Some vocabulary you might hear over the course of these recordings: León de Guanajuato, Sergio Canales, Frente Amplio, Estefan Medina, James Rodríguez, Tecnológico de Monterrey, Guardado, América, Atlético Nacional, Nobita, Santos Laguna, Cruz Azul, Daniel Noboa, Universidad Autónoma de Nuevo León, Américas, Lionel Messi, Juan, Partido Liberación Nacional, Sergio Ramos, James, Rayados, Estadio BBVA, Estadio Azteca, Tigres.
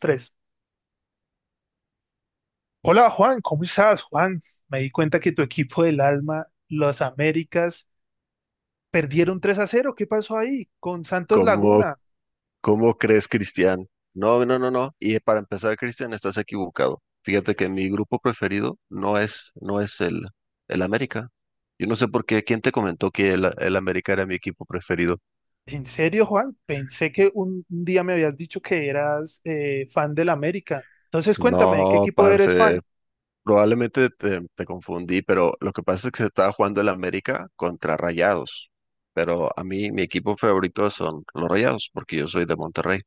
Tres. Hola Juan, ¿cómo estás? Juan, me di cuenta que tu equipo del alma, los Américas, perdieron 3 a cero. ¿Qué pasó ahí con Santos ¿Cómo, Laguna? cómo crees, Cristian? No, no, no, no. Y para empezar, Cristian, estás equivocado. Fíjate que mi grupo preferido no es, no es el América. Yo no sé por qué, ¿quién te comentó que el América era mi equipo preferido? ¿En serio, Juan? Pensé que un día me habías dicho que eras fan del América. Entonces cuéntame, ¿qué No, equipo eres parce, fan? probablemente te confundí, pero lo que pasa es que se estaba jugando el América contra Rayados. Pero a mí, mi equipo favorito son los Rayados, porque yo soy de Monterrey.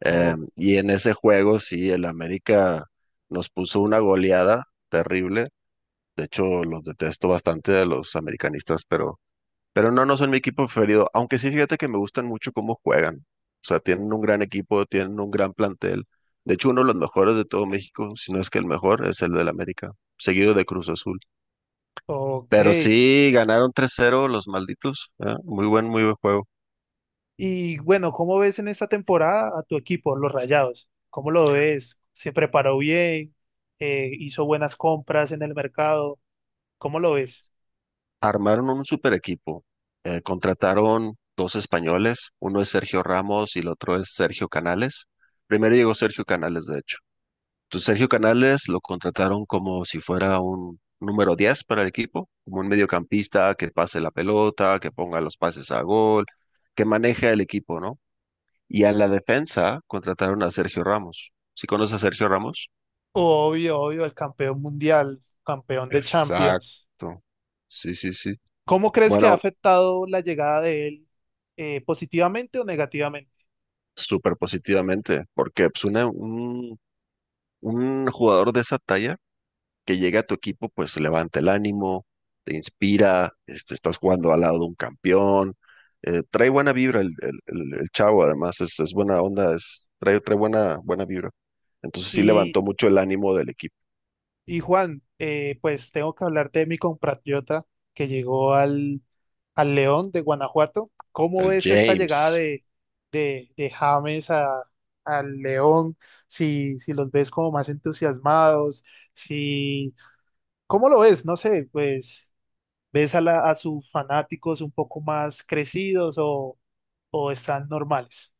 Eh, O- y en ese juego, sí, el América nos puso una goleada terrible. De hecho, los detesto bastante a los americanistas, pero no, no son mi equipo preferido. Aunque sí, fíjate que me gustan mucho cómo juegan. O sea, tienen un gran equipo, tienen un gran plantel. De hecho, uno de los mejores de todo México, si no es que el mejor, es el del América, seguido de Cruz Azul. ok. Pero sí, ganaron 3-0 los malditos. ¿Eh? Muy buen juego. Y bueno, ¿cómo ves en esta temporada a tu equipo, los Rayados? ¿Cómo lo ves? ¿Se preparó bien? ¿Hizo buenas compras en el mercado? ¿Cómo lo ves? Armaron un super equipo. Contrataron dos españoles, uno es Sergio Ramos y el otro es Sergio Canales. Primero llegó Sergio Canales, de hecho. Entonces Sergio Canales lo contrataron como si fuera un número 10 para el equipo, como un mediocampista que pase la pelota, que ponga los pases a gol, que maneje el equipo, ¿no? Y a la defensa contrataron a Sergio Ramos. ¿Sí conoces a Sergio Ramos? Obvio, obvio, el campeón mundial, campeón de Champions. Exacto. Sí, sí, sí. ¿Cómo crees que ha Bueno, afectado la llegada de él, positivamente o negativamente? súper positivamente, porque pues, un jugador de esa talla que llega a tu equipo, pues levanta el ánimo, te inspira, este, estás jugando al lado de un campeón, trae buena vibra el chavo, además es buena onda, es, trae buena, buena vibra. Entonces sí Y, levantó mucho el ánimo del equipo. y Juan, pues tengo que hablarte de mi compatriota que llegó al León de Guanajuato. ¿Cómo El ves esta llegada James. De James al León? Si, si los ves como más entusiasmados, si, ¿cómo lo ves? No sé, pues ¿ves a, a sus fanáticos un poco más crecidos o están normales?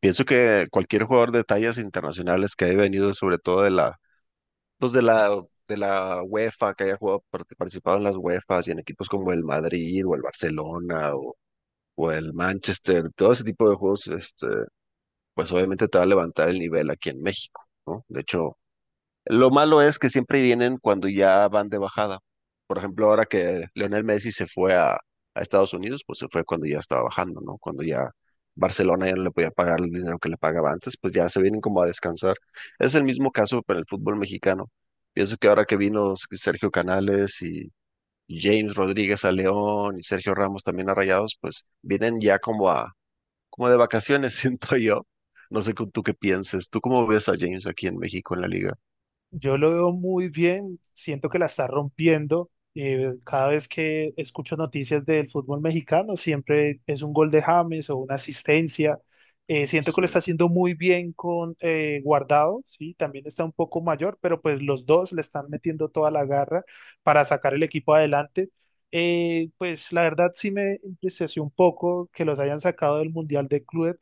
Pienso que cualquier jugador de tallas internacionales que haya venido, sobre todo de la los de la UEFA, que haya jugado, participado en las UEFAs y en equipos como el Madrid o el Barcelona o el Manchester, todo ese tipo de juegos, este, pues obviamente te va a levantar el nivel aquí en México, ¿no? De hecho, lo malo es que siempre vienen cuando ya van de bajada. Por ejemplo, ahora que Lionel Messi se fue a Estados Unidos, pues se fue cuando ya estaba bajando, ¿no? Cuando ya Barcelona ya no le podía pagar el dinero que le pagaba antes, pues ya se vienen como a descansar. Es el mismo caso para el fútbol mexicano. Pienso que ahora que vino Sergio Canales y James Rodríguez a León y Sergio Ramos también a Rayados, pues vienen ya como como de vacaciones, siento yo. No sé tú qué pienses. ¿Tú cómo ves a James aquí en México en la liga? Yo lo veo muy bien, siento que la está rompiendo. Cada vez que escucho noticias del fútbol mexicano, siempre es un gol de James o una asistencia. Siento que Sí. lo está haciendo muy bien con Guardado, sí, también está un poco mayor, pero pues los dos le están metiendo toda la garra para sacar el equipo adelante. Pues la verdad sí me impresionó un poco que los hayan sacado del Mundial de Clubes,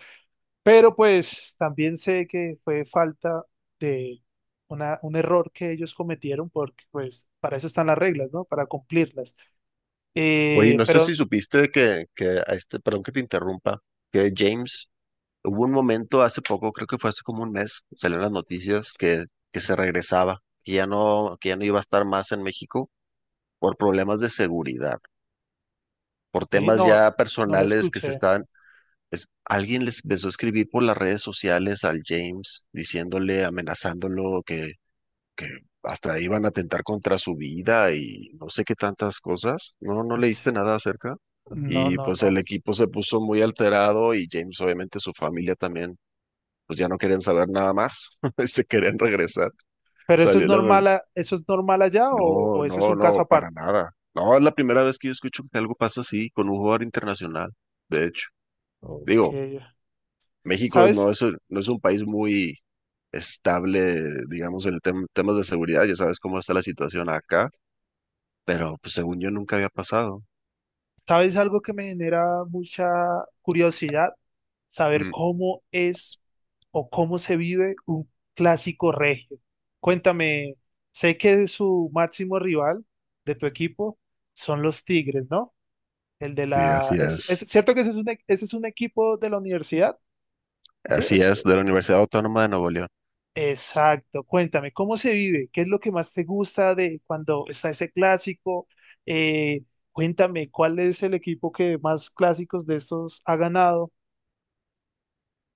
pero pues también sé que fue falta de un error que ellos cometieron porque pues para eso están las reglas, ¿no? Para cumplirlas. Oye, no sé si Pero supiste que a este, perdón que te interrumpa, que James, hubo un momento hace poco, creo que fue hace como un mes, salieron las noticias que se regresaba, que ya no iba a estar más en México por problemas de seguridad, por sí, temas no, ya no la personales que se escuché. estaban, alguien les empezó a escribir por las redes sociales al James, diciéndole, amenazándolo, que hasta iban a atentar contra su vida y no sé qué tantas cosas. No, no leíste Es- nada acerca. No, Y no, pues no. el equipo se puso muy alterado y James, obviamente su familia también, pues ya no querían saber nada más, se querían regresar. Pero eso es Salió la... no- normal, eso es normal allá No, o eso es no, un caso no, para aparte. nada. No, es la primera vez que yo escucho que algo pasa así con un jugador internacional, de hecho. Ok. Digo, México ¿Sabes? No es un país muy estable, digamos, en el temas de seguridad, ya sabes cómo está la situación acá, pero pues según yo nunca había pasado. ¿Sabes algo que me genera mucha curiosidad? Saber Mm. cómo es o cómo se vive un clásico regio. Cuéntame, sé que su máximo rival de tu equipo son los Tigres, ¿no? El de Sí, la... así es es. cierto que ese es un, ese es un equipo de la universidad? Sí, Así es. es, de la Universidad Autónoma de Nuevo León. Exacto, cuéntame, ¿cómo se vive? ¿Qué es lo que más te gusta de cuando está ese clásico? Eh, Cuéntame, ¿cuál es el equipo que más clásicos de estos ha ganado?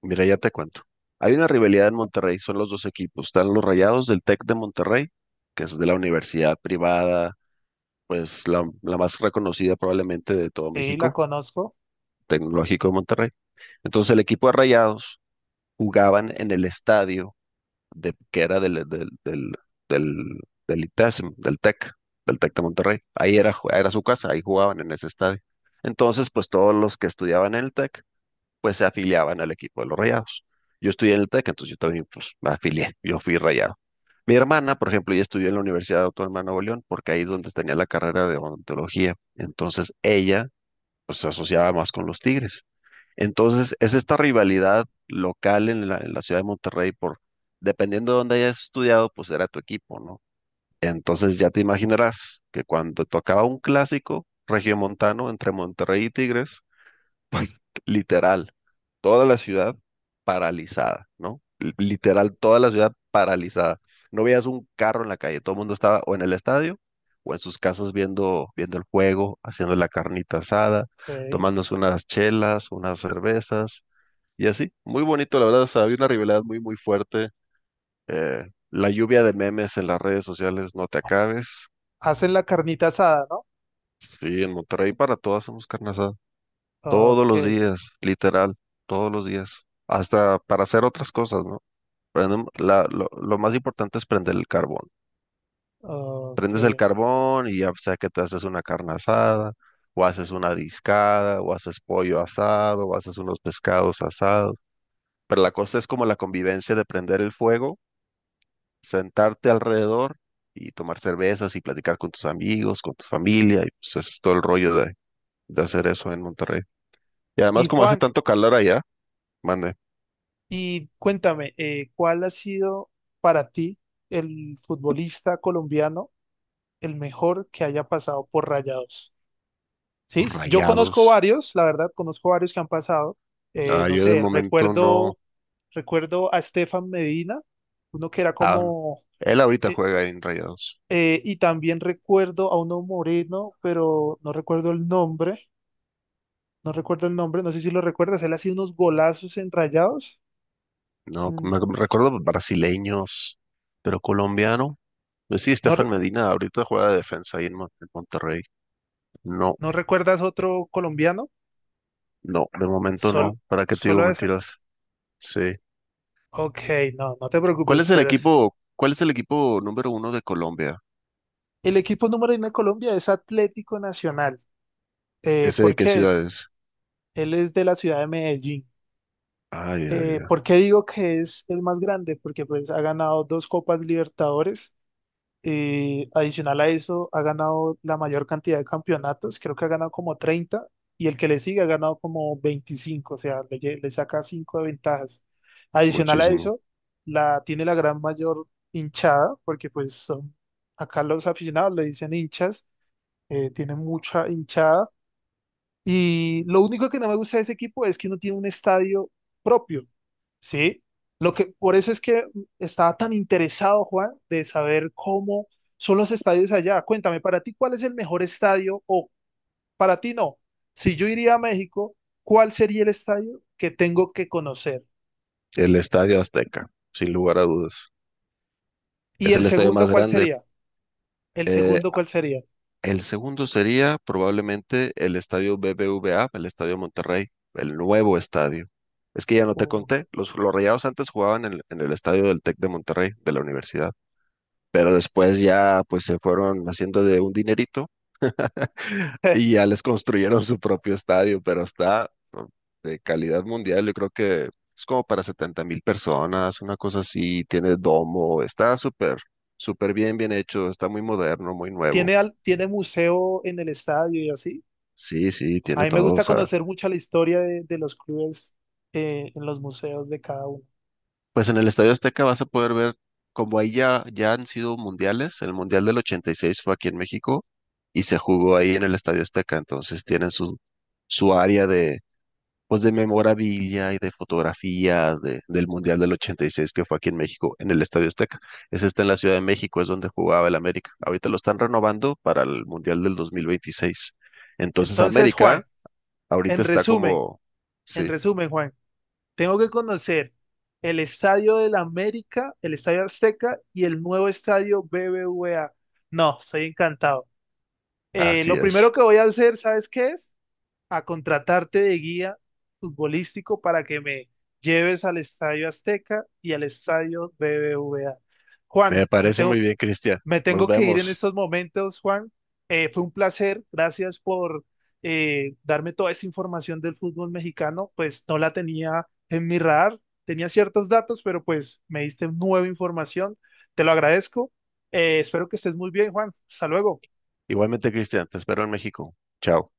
Mira, ya te cuento. Hay una rivalidad en Monterrey, son los dos equipos. Están los Rayados del TEC de Monterrey, que es de la universidad privada, pues la más reconocida probablemente de todo Sí, la México, conozco. Tecnológico de Monterrey. Entonces el equipo de Rayados jugaban en el estadio de, que era del, del, del, del, del ITESM, del TEC de Monterrey. Ahí era su casa, ahí jugaban en ese estadio. Entonces, pues todos los que estudiaban en el TEC, pues se afiliaban al equipo de los Rayados. Yo estudié en el TEC, entonces yo también pues, me afilié, yo fui Rayado. Mi hermana, por ejemplo, ella estudió en la Universidad Autónoma de Nuevo León, porque ahí es donde tenía la carrera de odontología. Entonces ella pues, se asociaba más con los Tigres. Entonces, es esta rivalidad local en en la ciudad de Monterrey por, dependiendo de dónde hayas estudiado, pues era tu equipo, ¿no? Entonces ya te imaginarás que cuando tocaba un clásico regiomontano entre Monterrey y Tigres, pues literal, toda la ciudad paralizada, ¿no? Literal, toda la ciudad paralizada. No veías un carro en la calle, todo el mundo estaba o en el estadio o en sus casas viendo, viendo el juego, haciendo la carnita asada, Ok. tomándose unas chelas, unas cervezas y así, muy bonito, la verdad, o sea, había una rivalidad muy, muy fuerte. eh, la lluvia de memes en las redes sociales, no te acabes. Hacen la carnita asada, ¿no? Sí, en Monterrey para todas hacemos carne asada. Todos Ok, los días, literal, todos los días. Hasta para hacer otras cosas, ¿no? Lo más importante es prender el carbón. ok. Prendes el Ok. carbón y ya sea que te haces una carne asada, o haces una discada, o haces pollo asado, o haces unos pescados asados. Pero la cosa es como la convivencia de prender el fuego, sentarte alrededor y tomar cervezas y platicar con tus amigos, con tu familia, y pues es todo el rollo de hacer eso en Monterrey. Y Y además como hace Juan, tanto calor allá, mande, y cuéntame, ¿cuál ha sido para ti el futbolista colombiano el mejor que haya pasado por Rayados? Sí, pues, yo conozco Rayados. varios, la verdad, conozco varios que han pasado. Ah, No yo de sé, momento no. Recuerdo a Estefan Medina, uno que era Ah, no. como, Él ahorita eh, juega en Rayados. Y también recuerdo a uno moreno, pero no recuerdo el nombre, no recuerdo el nombre, no sé si lo recuerdas, él hacía unos golazos enrayados. No, Mm, me recuerdo brasileños, pero colombiano. Pues sí, ¿no, Estefan Medina ahorita juega de defensa ahí en, en Monterrey. No, no recuerdas otro colombiano? no, de momento Sol- no. ¿Para qué te digo solo ese. mentiras? Sí. Ok, no, no te ¿Cuál preocupes, es el equipo, cuál es el equipo número uno de Colombia? el equipo número uno de Colombia es Atlético Nacional. ¿Ese de ¿Por qué qué ciudad es? es? Él es de la ciudad de Medellín. Ay, ay, ¿Por qué digo que es el más grande? Porque pues ha ganado dos Copas Libertadores. Adicional a eso, ha ganado la mayor cantidad de campeonatos. Creo que ha ganado como 30 y el que le sigue ha ganado como 25. O sea, le saca 5 de ventajas. Adicional a muchísimo. eso, la, tiene la gran mayor hinchada porque pues son, acá los aficionados le dicen hinchas. Tiene mucha hinchada y lo único que no me gusta de ese equipo es que no tiene un estadio propio, ¿sí? Lo que, por eso es que estaba tan interesado, Juan, de saber cómo son los estadios allá. Cuéntame, para ti, ¿cuál es el mejor estadio? O para ti no, si yo iría a México, ¿cuál sería el estadio que tengo que conocer? El Estadio Azteca, sin lugar a dudas. Y Es el el estadio segundo, más ¿cuál grande. sería? El Eh, segundo, ¿cuál sería? el segundo sería probablemente el Estadio BBVA, el Estadio Monterrey, el nuevo estadio. Es que ya no te Oh, conté, los Rayados antes jugaban en, en el estadio del Tec de Monterrey, de la universidad, pero después ya pues se fueron haciendo de un dinerito. eh, Y ya les construyeron su propio estadio, pero está, ¿no? De calidad mundial. Yo creo que es como para 70.000 personas, una cosa así. Tiene domo, está súper, súper bien, bien hecho. Está muy moderno, muy nuevo. ¿tiene, tiene museo en el estadio y así? Sí, sí, A tiene mí me todo. O gusta sea, conocer mucho la historia de los clubes, en los museos de cada uno. pues en el Estadio Azteca vas a poder ver, como ahí ya, ya han sido mundiales, el Mundial del 86 fue aquí en México y se jugó ahí en el Estadio Azteca. Entonces tienen su, su área de, pues de memorabilia y de fotografías del Mundial del 86 que fue aquí en México, en el Estadio Azteca. Ese está en la Ciudad de México, es donde jugaba el América. Ahorita lo están renovando para el Mundial del 2026. Entonces Entonces, América Juan, ahorita en está resumen, como, en sí, resumen, Juan, tengo que conocer el Estadio del América, el Estadio Azteca y el nuevo Estadio BBVA. No, estoy encantado. Así Lo primero es. que voy a hacer, ¿sabes qué es? A contratarte de guía futbolístico para que me lleves al Estadio Azteca y al Estadio BBVA. Juan, Me me parece muy tengo bien, Cristian. Me Nos tengo que ir en vemos. estos momentos, Juan. Fue un placer. Gracias por darme toda esa información del fútbol mexicano. Pues no la tenía en mi radar. Tenía ciertos datos, pero pues me diste nueva información. Te lo agradezco. Espero que estés muy bien, Juan. Hasta luego. Igualmente, Cristian, te espero en México. Chao.